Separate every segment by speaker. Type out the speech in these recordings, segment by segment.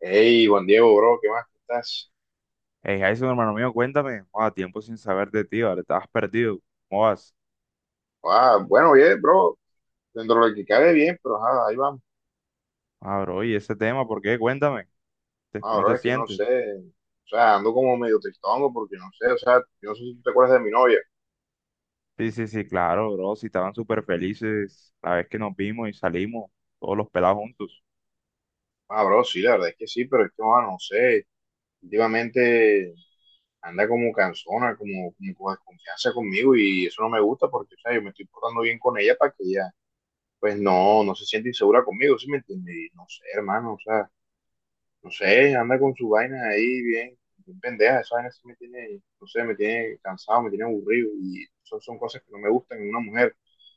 Speaker 1: Hey, Juan Diego, bro, ¿qué más? ¿Cómo estás?
Speaker 2: Hey, Jason, hermano mío, cuéntame. A tiempo sin saber de ti, ¿vale? Estabas perdido. ¿Cómo vas?
Speaker 1: Ah, bueno, bien, bro, dentro de lo que cabe bien, pero ajá, ahí vamos.
Speaker 2: Ah, bro, ¿y ese tema? ¿Por qué? Cuéntame.
Speaker 1: Ah,
Speaker 2: ¿Cómo
Speaker 1: bro,
Speaker 2: te
Speaker 1: es que no
Speaker 2: sientes?
Speaker 1: sé, o sea, ando como medio tristongo porque no sé, o sea, yo no sé si tú te acuerdas de mi novia.
Speaker 2: Sí, sí, sí, claro, bro. Si estaban súper felices la vez que nos vimos y salimos, todos los pelados juntos.
Speaker 1: Ah, bro, sí, la verdad es que sí, pero es que, ah, no sé, últimamente anda como cansona, como con desconfianza conmigo y eso no me gusta porque, o sea, yo me estoy portando bien con ella para que ella, pues no, no se siente insegura conmigo, ¿sí me entiendes? Y no sé, hermano, o sea. No sé, anda con su vaina ahí bien, bien pendeja. Esa vaina sí me tiene, no sé, me tiene cansado, me tiene aburrido. Y son cosas que no me gustan en una mujer.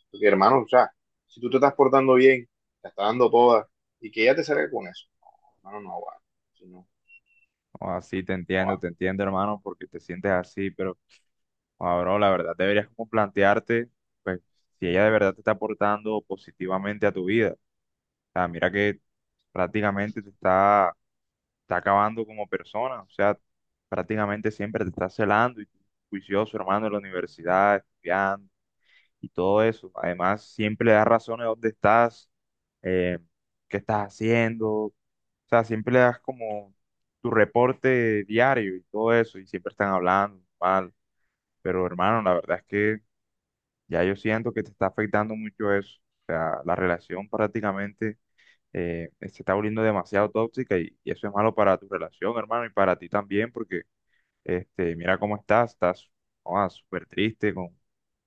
Speaker 1: Porque, hermano, o sea, si tú te estás portando bien, te estás dando toda, y que ella te salga con eso. No, hermano, no va. Sí, no,
Speaker 2: Así
Speaker 1: no va.
Speaker 2: te entiendo, hermano, porque te sientes así, pero, ah, bro, la verdad deberías como plantearte, pues, si ella de verdad te está aportando positivamente a tu vida. O sea, mira que prácticamente te está está acabando como persona, o sea, prácticamente siempre te está celando y tú, juicioso, hermano, en la universidad, estudiando y todo eso. Además, siempre le das razones de dónde estás, eh, qué estás haciendo, o sea, siempre le das como tu reporte diario y todo eso, y siempre están hablando mal. Pero hermano, la verdad es que ya yo siento que te está afectando mucho eso. O sea, la relación prácticamente se está volviendo demasiado tóxica y eso es malo para tu relación, hermano, y para ti también, porque este, mira cómo estás, estás joda, súper triste,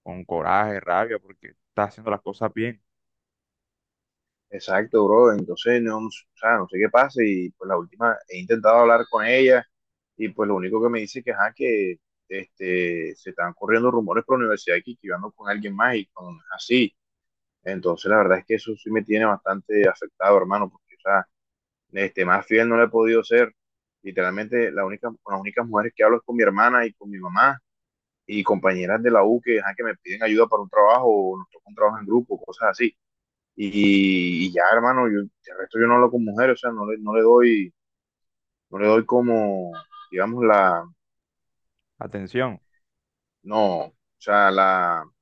Speaker 2: con coraje, rabia, porque estás haciendo las cosas bien.
Speaker 1: Exacto, bro. Entonces, no, o sea, no sé qué pasa. Y pues la última, he intentado hablar con ella y pues lo único que me dice que, ajá, que se están corriendo rumores por la universidad aquí, que yo ando con alguien más y cuando no es así. Entonces, la verdad es que eso sí me tiene bastante afectado, hermano, porque, o sea, más fiel no le he podido ser. Literalmente, con las únicas mujeres que hablo es con mi hermana y con mi mamá y compañeras de la U que, ajá, que me piden ayuda para un trabajo o nos toca un trabajo en grupo, cosas así. Y ya, hermano, el resto yo no hablo con mujeres, o sea, no le doy como, digamos, la,
Speaker 2: Atención,
Speaker 1: no, o sea, la, o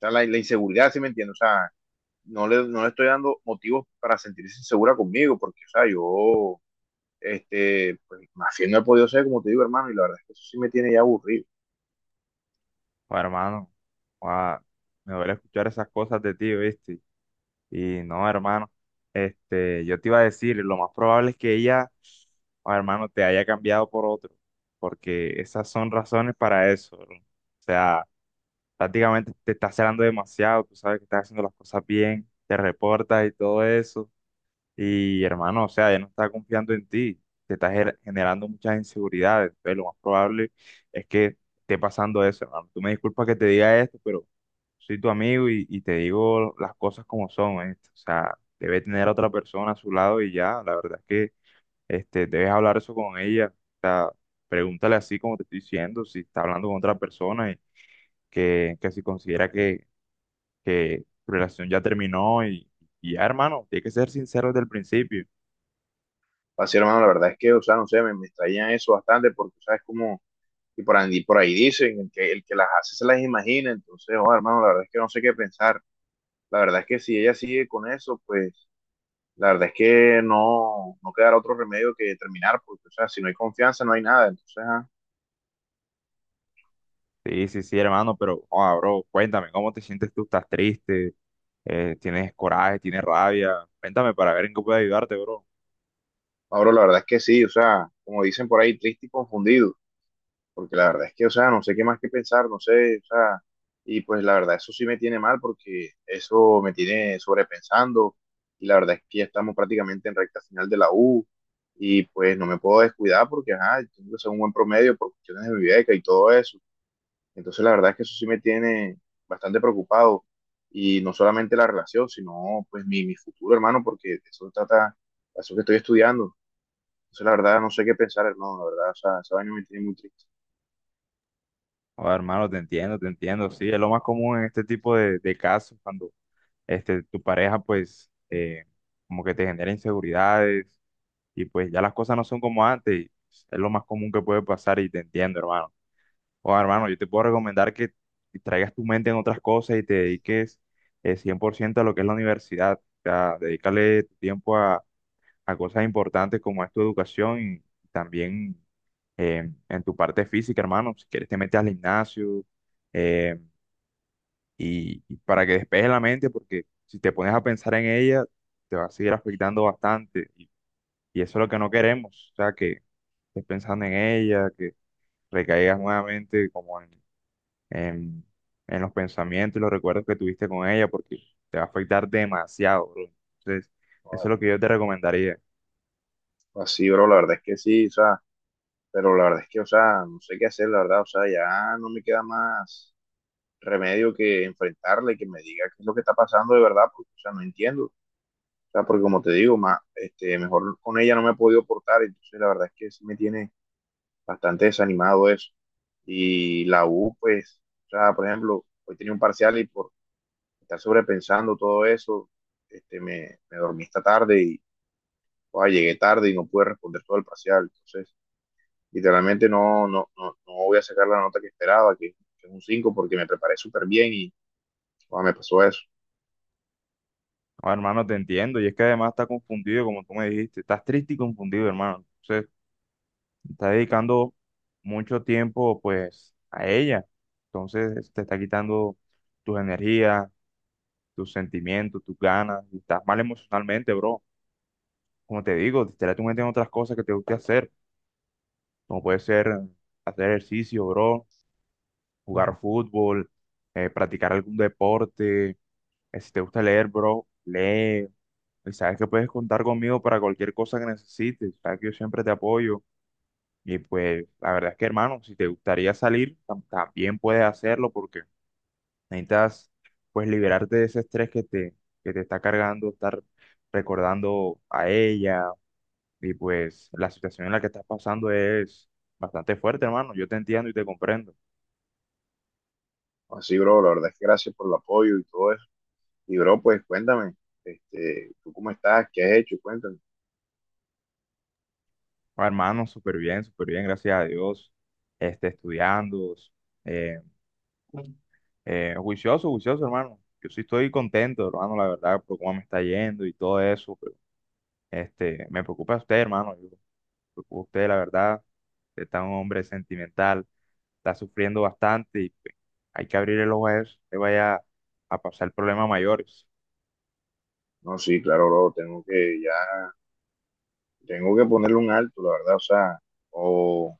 Speaker 1: sea, la inseguridad, ¿sí me entiendes? O sea, no le estoy dando motivos para sentirse insegura conmigo, porque, o sea, pues más fiel no he podido ser, como te digo, hermano, y la verdad es que eso sí me tiene ya aburrido.
Speaker 2: joda, hermano, joda, me duele escuchar esas cosas de ti, ¿viste? Y no, hermano, este, yo te iba a decir, lo más probable es que ella, joda, hermano, te haya cambiado por otro, porque esas son razones para eso, bro. O sea, prácticamente te estás celando demasiado, tú sabes que estás haciendo las cosas bien, te reportas y todo eso. Y hermano, o sea, ya no está confiando en ti, te estás generando muchas inseguridades. Entonces, lo más probable es que esté pasando eso, hermano. Tú me disculpas que te diga esto, pero soy tu amigo y te digo las cosas como son, ¿eh? O sea, debe tener a otra persona a su lado y ya, la verdad es que este, debes hablar eso con ella. O sea, pregúntale así como te estoy diciendo, si está hablando con otra persona y que, si considera que tu relación ya terminó y ya, hermano, tienes que ser sincero desde el principio.
Speaker 1: Así, hermano, la verdad es que, o sea, no sé, me extraña eso bastante porque, ¿sabes? Como, y por ahí dicen, el que las hace se las imagina, entonces, oh, hermano, la verdad es que no sé qué pensar. La verdad es que si ella sigue con eso, pues, la verdad es que no, no quedará otro remedio que terminar, porque, o sea, si no hay confianza, no hay nada. Entonces, ah,
Speaker 2: Sí, sí, sí, hermano, pero, ah, bro, cuéntame, ¿cómo te sientes tú? ¿Estás triste? ¿Tienes coraje? ¿Tienes rabia? Cuéntame para ver en qué puedo ayudarte, bro.
Speaker 1: Pablo, la verdad es que sí, o sea, como dicen por ahí, triste y confundido. Porque la verdad es que, o sea, no sé qué más que pensar, no sé, o sea, y pues la verdad eso sí me tiene mal porque eso me tiene sobrepensando y la verdad es que ya estamos prácticamente en recta final de la U y pues no me puedo descuidar porque, ajá, tengo que hacer un buen promedio por cuestiones de mi beca y todo eso. Entonces la verdad es que eso sí me tiene bastante preocupado y no solamente la relación, sino pues mi futuro, hermano, porque de eso trata, de eso que estoy estudiando. Entonces la verdad no sé qué pensar, hermano, la verdad, o sea, ese año me tiene muy triste.
Speaker 2: Ah, hermano, te entiendo, te entiendo. Sí, es lo más común en este tipo de casos, cuando este, tu pareja, pues, como que te genera inseguridades y pues ya las cosas no son como antes. Pues, es lo más común que puede pasar y te entiendo, hermano. O hermano, yo te puedo recomendar que traigas tu mente en otras cosas y te dediques 100% a lo que es la universidad. O sea, dedícale tu tiempo a cosas importantes como es tu educación y también en tu parte física, hermano. Si quieres te metes al gimnasio, eh, y para que despejes la mente, porque si te pones a pensar en ella, te va a seguir afectando bastante. Y eso es lo que no queremos. O sea, que estés pensando en ella, que recaigas nuevamente como en en, en los pensamientos y los recuerdos que tuviste con ella, porque te va a afectar demasiado, bro. Entonces, eso es lo que yo te recomendaría.
Speaker 1: Así, bro, la verdad es que sí, o sea, pero la verdad es que, o sea, no sé qué hacer, la verdad, o sea, ya no me queda más remedio que enfrentarle, que me diga qué es lo que está pasando de verdad, porque, o sea, no entiendo, o sea, porque como te digo, más, mejor con ella no me he podido portar, entonces la verdad es que sí me tiene bastante desanimado eso. Y la U, pues, o sea, por ejemplo, hoy tenía un parcial y por estar sobrepensando todo eso, me dormí esta tarde y, o sea, llegué tarde y no pude responder todo el parcial, entonces literalmente no, no, no, no voy a sacar la nota que esperaba, que es un 5 porque me preparé súper bien y ah, me pasó eso.
Speaker 2: Ahora, hermano, te entiendo, y es que además está confundido, como tú me dijiste, estás triste y confundido, hermano. Entonces, está dedicando mucho tiempo, pues, a ella. Entonces, te está quitando tus energías, tus sentimientos, tus ganas, y estás mal emocionalmente, bro. Como te digo, distrae tu mente en otras cosas que te guste hacer, como puede ser hacer ejercicio, bro, jugar fútbol, practicar algún deporte. Eh, si te gusta leer, bro, lee. Y sabes que puedes contar conmigo para cualquier cosa que necesites. Sabes que yo siempre te apoyo. Y pues la verdad es que, hermano, si te gustaría salir, también puedes hacerlo porque necesitas pues liberarte de ese estrés que te está cargando, estar recordando a ella. Y pues la situación en la que estás pasando es bastante fuerte, hermano. Yo te entiendo y te comprendo.
Speaker 1: Así, bro, la verdad es que gracias por el apoyo y todo eso. Y, bro, pues cuéntame, ¿tú cómo estás? ¿Qué has hecho? Cuéntame.
Speaker 2: Oh, hermano, súper bien, gracias a Dios. Este, estudiando, eh, juicioso, juicioso, hermano. Yo sí estoy contento, hermano, la verdad, por cómo me está yendo y todo eso, pero este, me preocupa usted, hermano. Yo, me preocupa usted, la verdad. Usted está un hombre sentimental, está sufriendo bastante y pues, hay que abrir el ojo a eso, le vaya a pasar problemas mayores.
Speaker 1: No, sí, claro, bro, tengo que ponerle un alto, la verdad, o sea, o,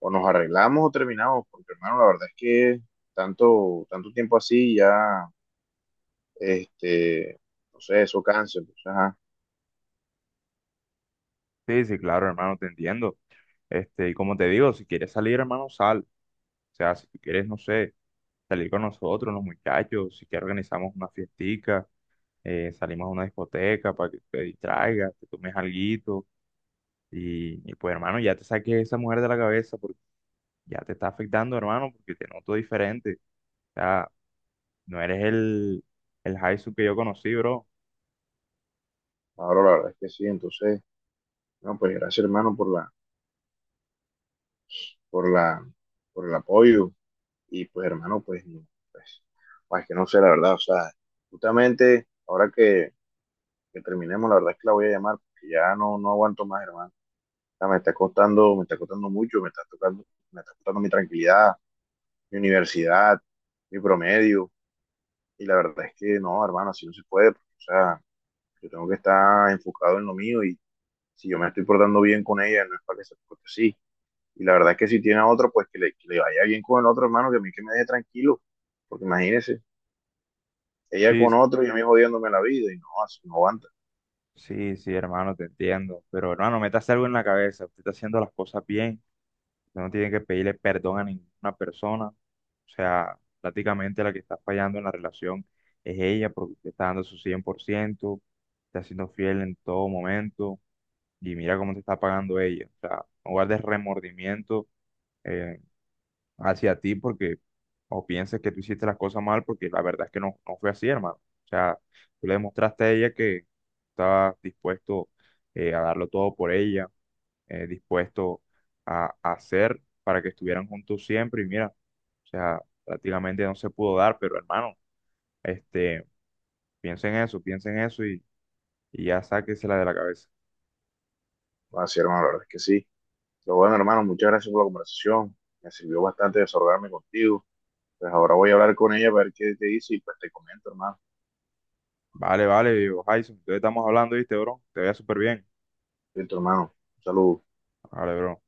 Speaker 1: o nos arreglamos o terminamos, porque, hermano, la verdad es que tanto tiempo así ya, este, no sé, eso cansa, entonces, ajá,
Speaker 2: Sí, sí, claro, hermano, te entiendo. Este, y como te digo, si quieres salir, hermano, sal. O sea, si tú quieres, no sé. Salir con nosotros, los muchachos, si quieres organizamos una fiestica, salimos a una discoteca para que te distraigas, te tomes alguito y pues hermano, ya te saques esa mujer de la cabeza porque ya te está afectando hermano, porque te noto diferente, o sea, no eres el Jaisu que yo conocí, bro.
Speaker 1: ahora la verdad es que sí, entonces, no, pues gracias, hermano, por la, por el apoyo. Y pues, hermano, pues, no, pues, pues, que no sé, la verdad, o sea, justamente ahora que terminemos, la verdad es que la voy a llamar, porque ya no, no aguanto más, hermano. O sea, me está costando mucho, me está tocando, me está costando mi tranquilidad, mi universidad, mi promedio. Y la verdad es que no, hermano, así no se puede. Porque, o sea, yo tengo que estar enfocado en lo mío y si yo me estoy portando bien con ella, no es para que se porte así. Y la verdad es que si tiene a otro, pues que le vaya bien con el otro hermano, que a mí que me deje tranquilo. Porque imagínese, ella
Speaker 2: Sí,
Speaker 1: con otro y a mí jodiéndome la vida y no, así no aguanta.
Speaker 2: sí, sí, hermano, te entiendo, pero hermano, métase algo en la cabeza, usted está haciendo las cosas bien. Usted no tiene que pedirle perdón a ninguna persona. O sea, prácticamente la que está fallando en la relación es ella porque usted está dando su 100%, está siendo fiel en todo momento y mira cómo te está pagando ella. O sea, no guardes remordimiento, eh, hacia ti porque o pienses que tú hiciste las cosas mal porque la verdad es que no, no fue así, hermano. O sea, tú le demostraste a ella que estabas dispuesto, a darlo todo por ella, dispuesto a hacer para que estuvieran juntos siempre. Y mira, o sea, prácticamente no se pudo dar, pero hermano, este, piensen eso y ya sáquensela de la cabeza.
Speaker 1: No, así, hermano, la verdad es que sí. Pero bueno, hermano, muchas gracias por la conversación. Me sirvió bastante desahogarme contigo. Pues ahora voy a hablar con ella, a ver qué te dice y pues te comento, hermano.
Speaker 2: Vale, vale, viejo Jason, entonces estamos hablando, ¿viste, bro? Te vea súper bien.
Speaker 1: Listo, hermano. Un saludo.
Speaker 2: Vale, bro.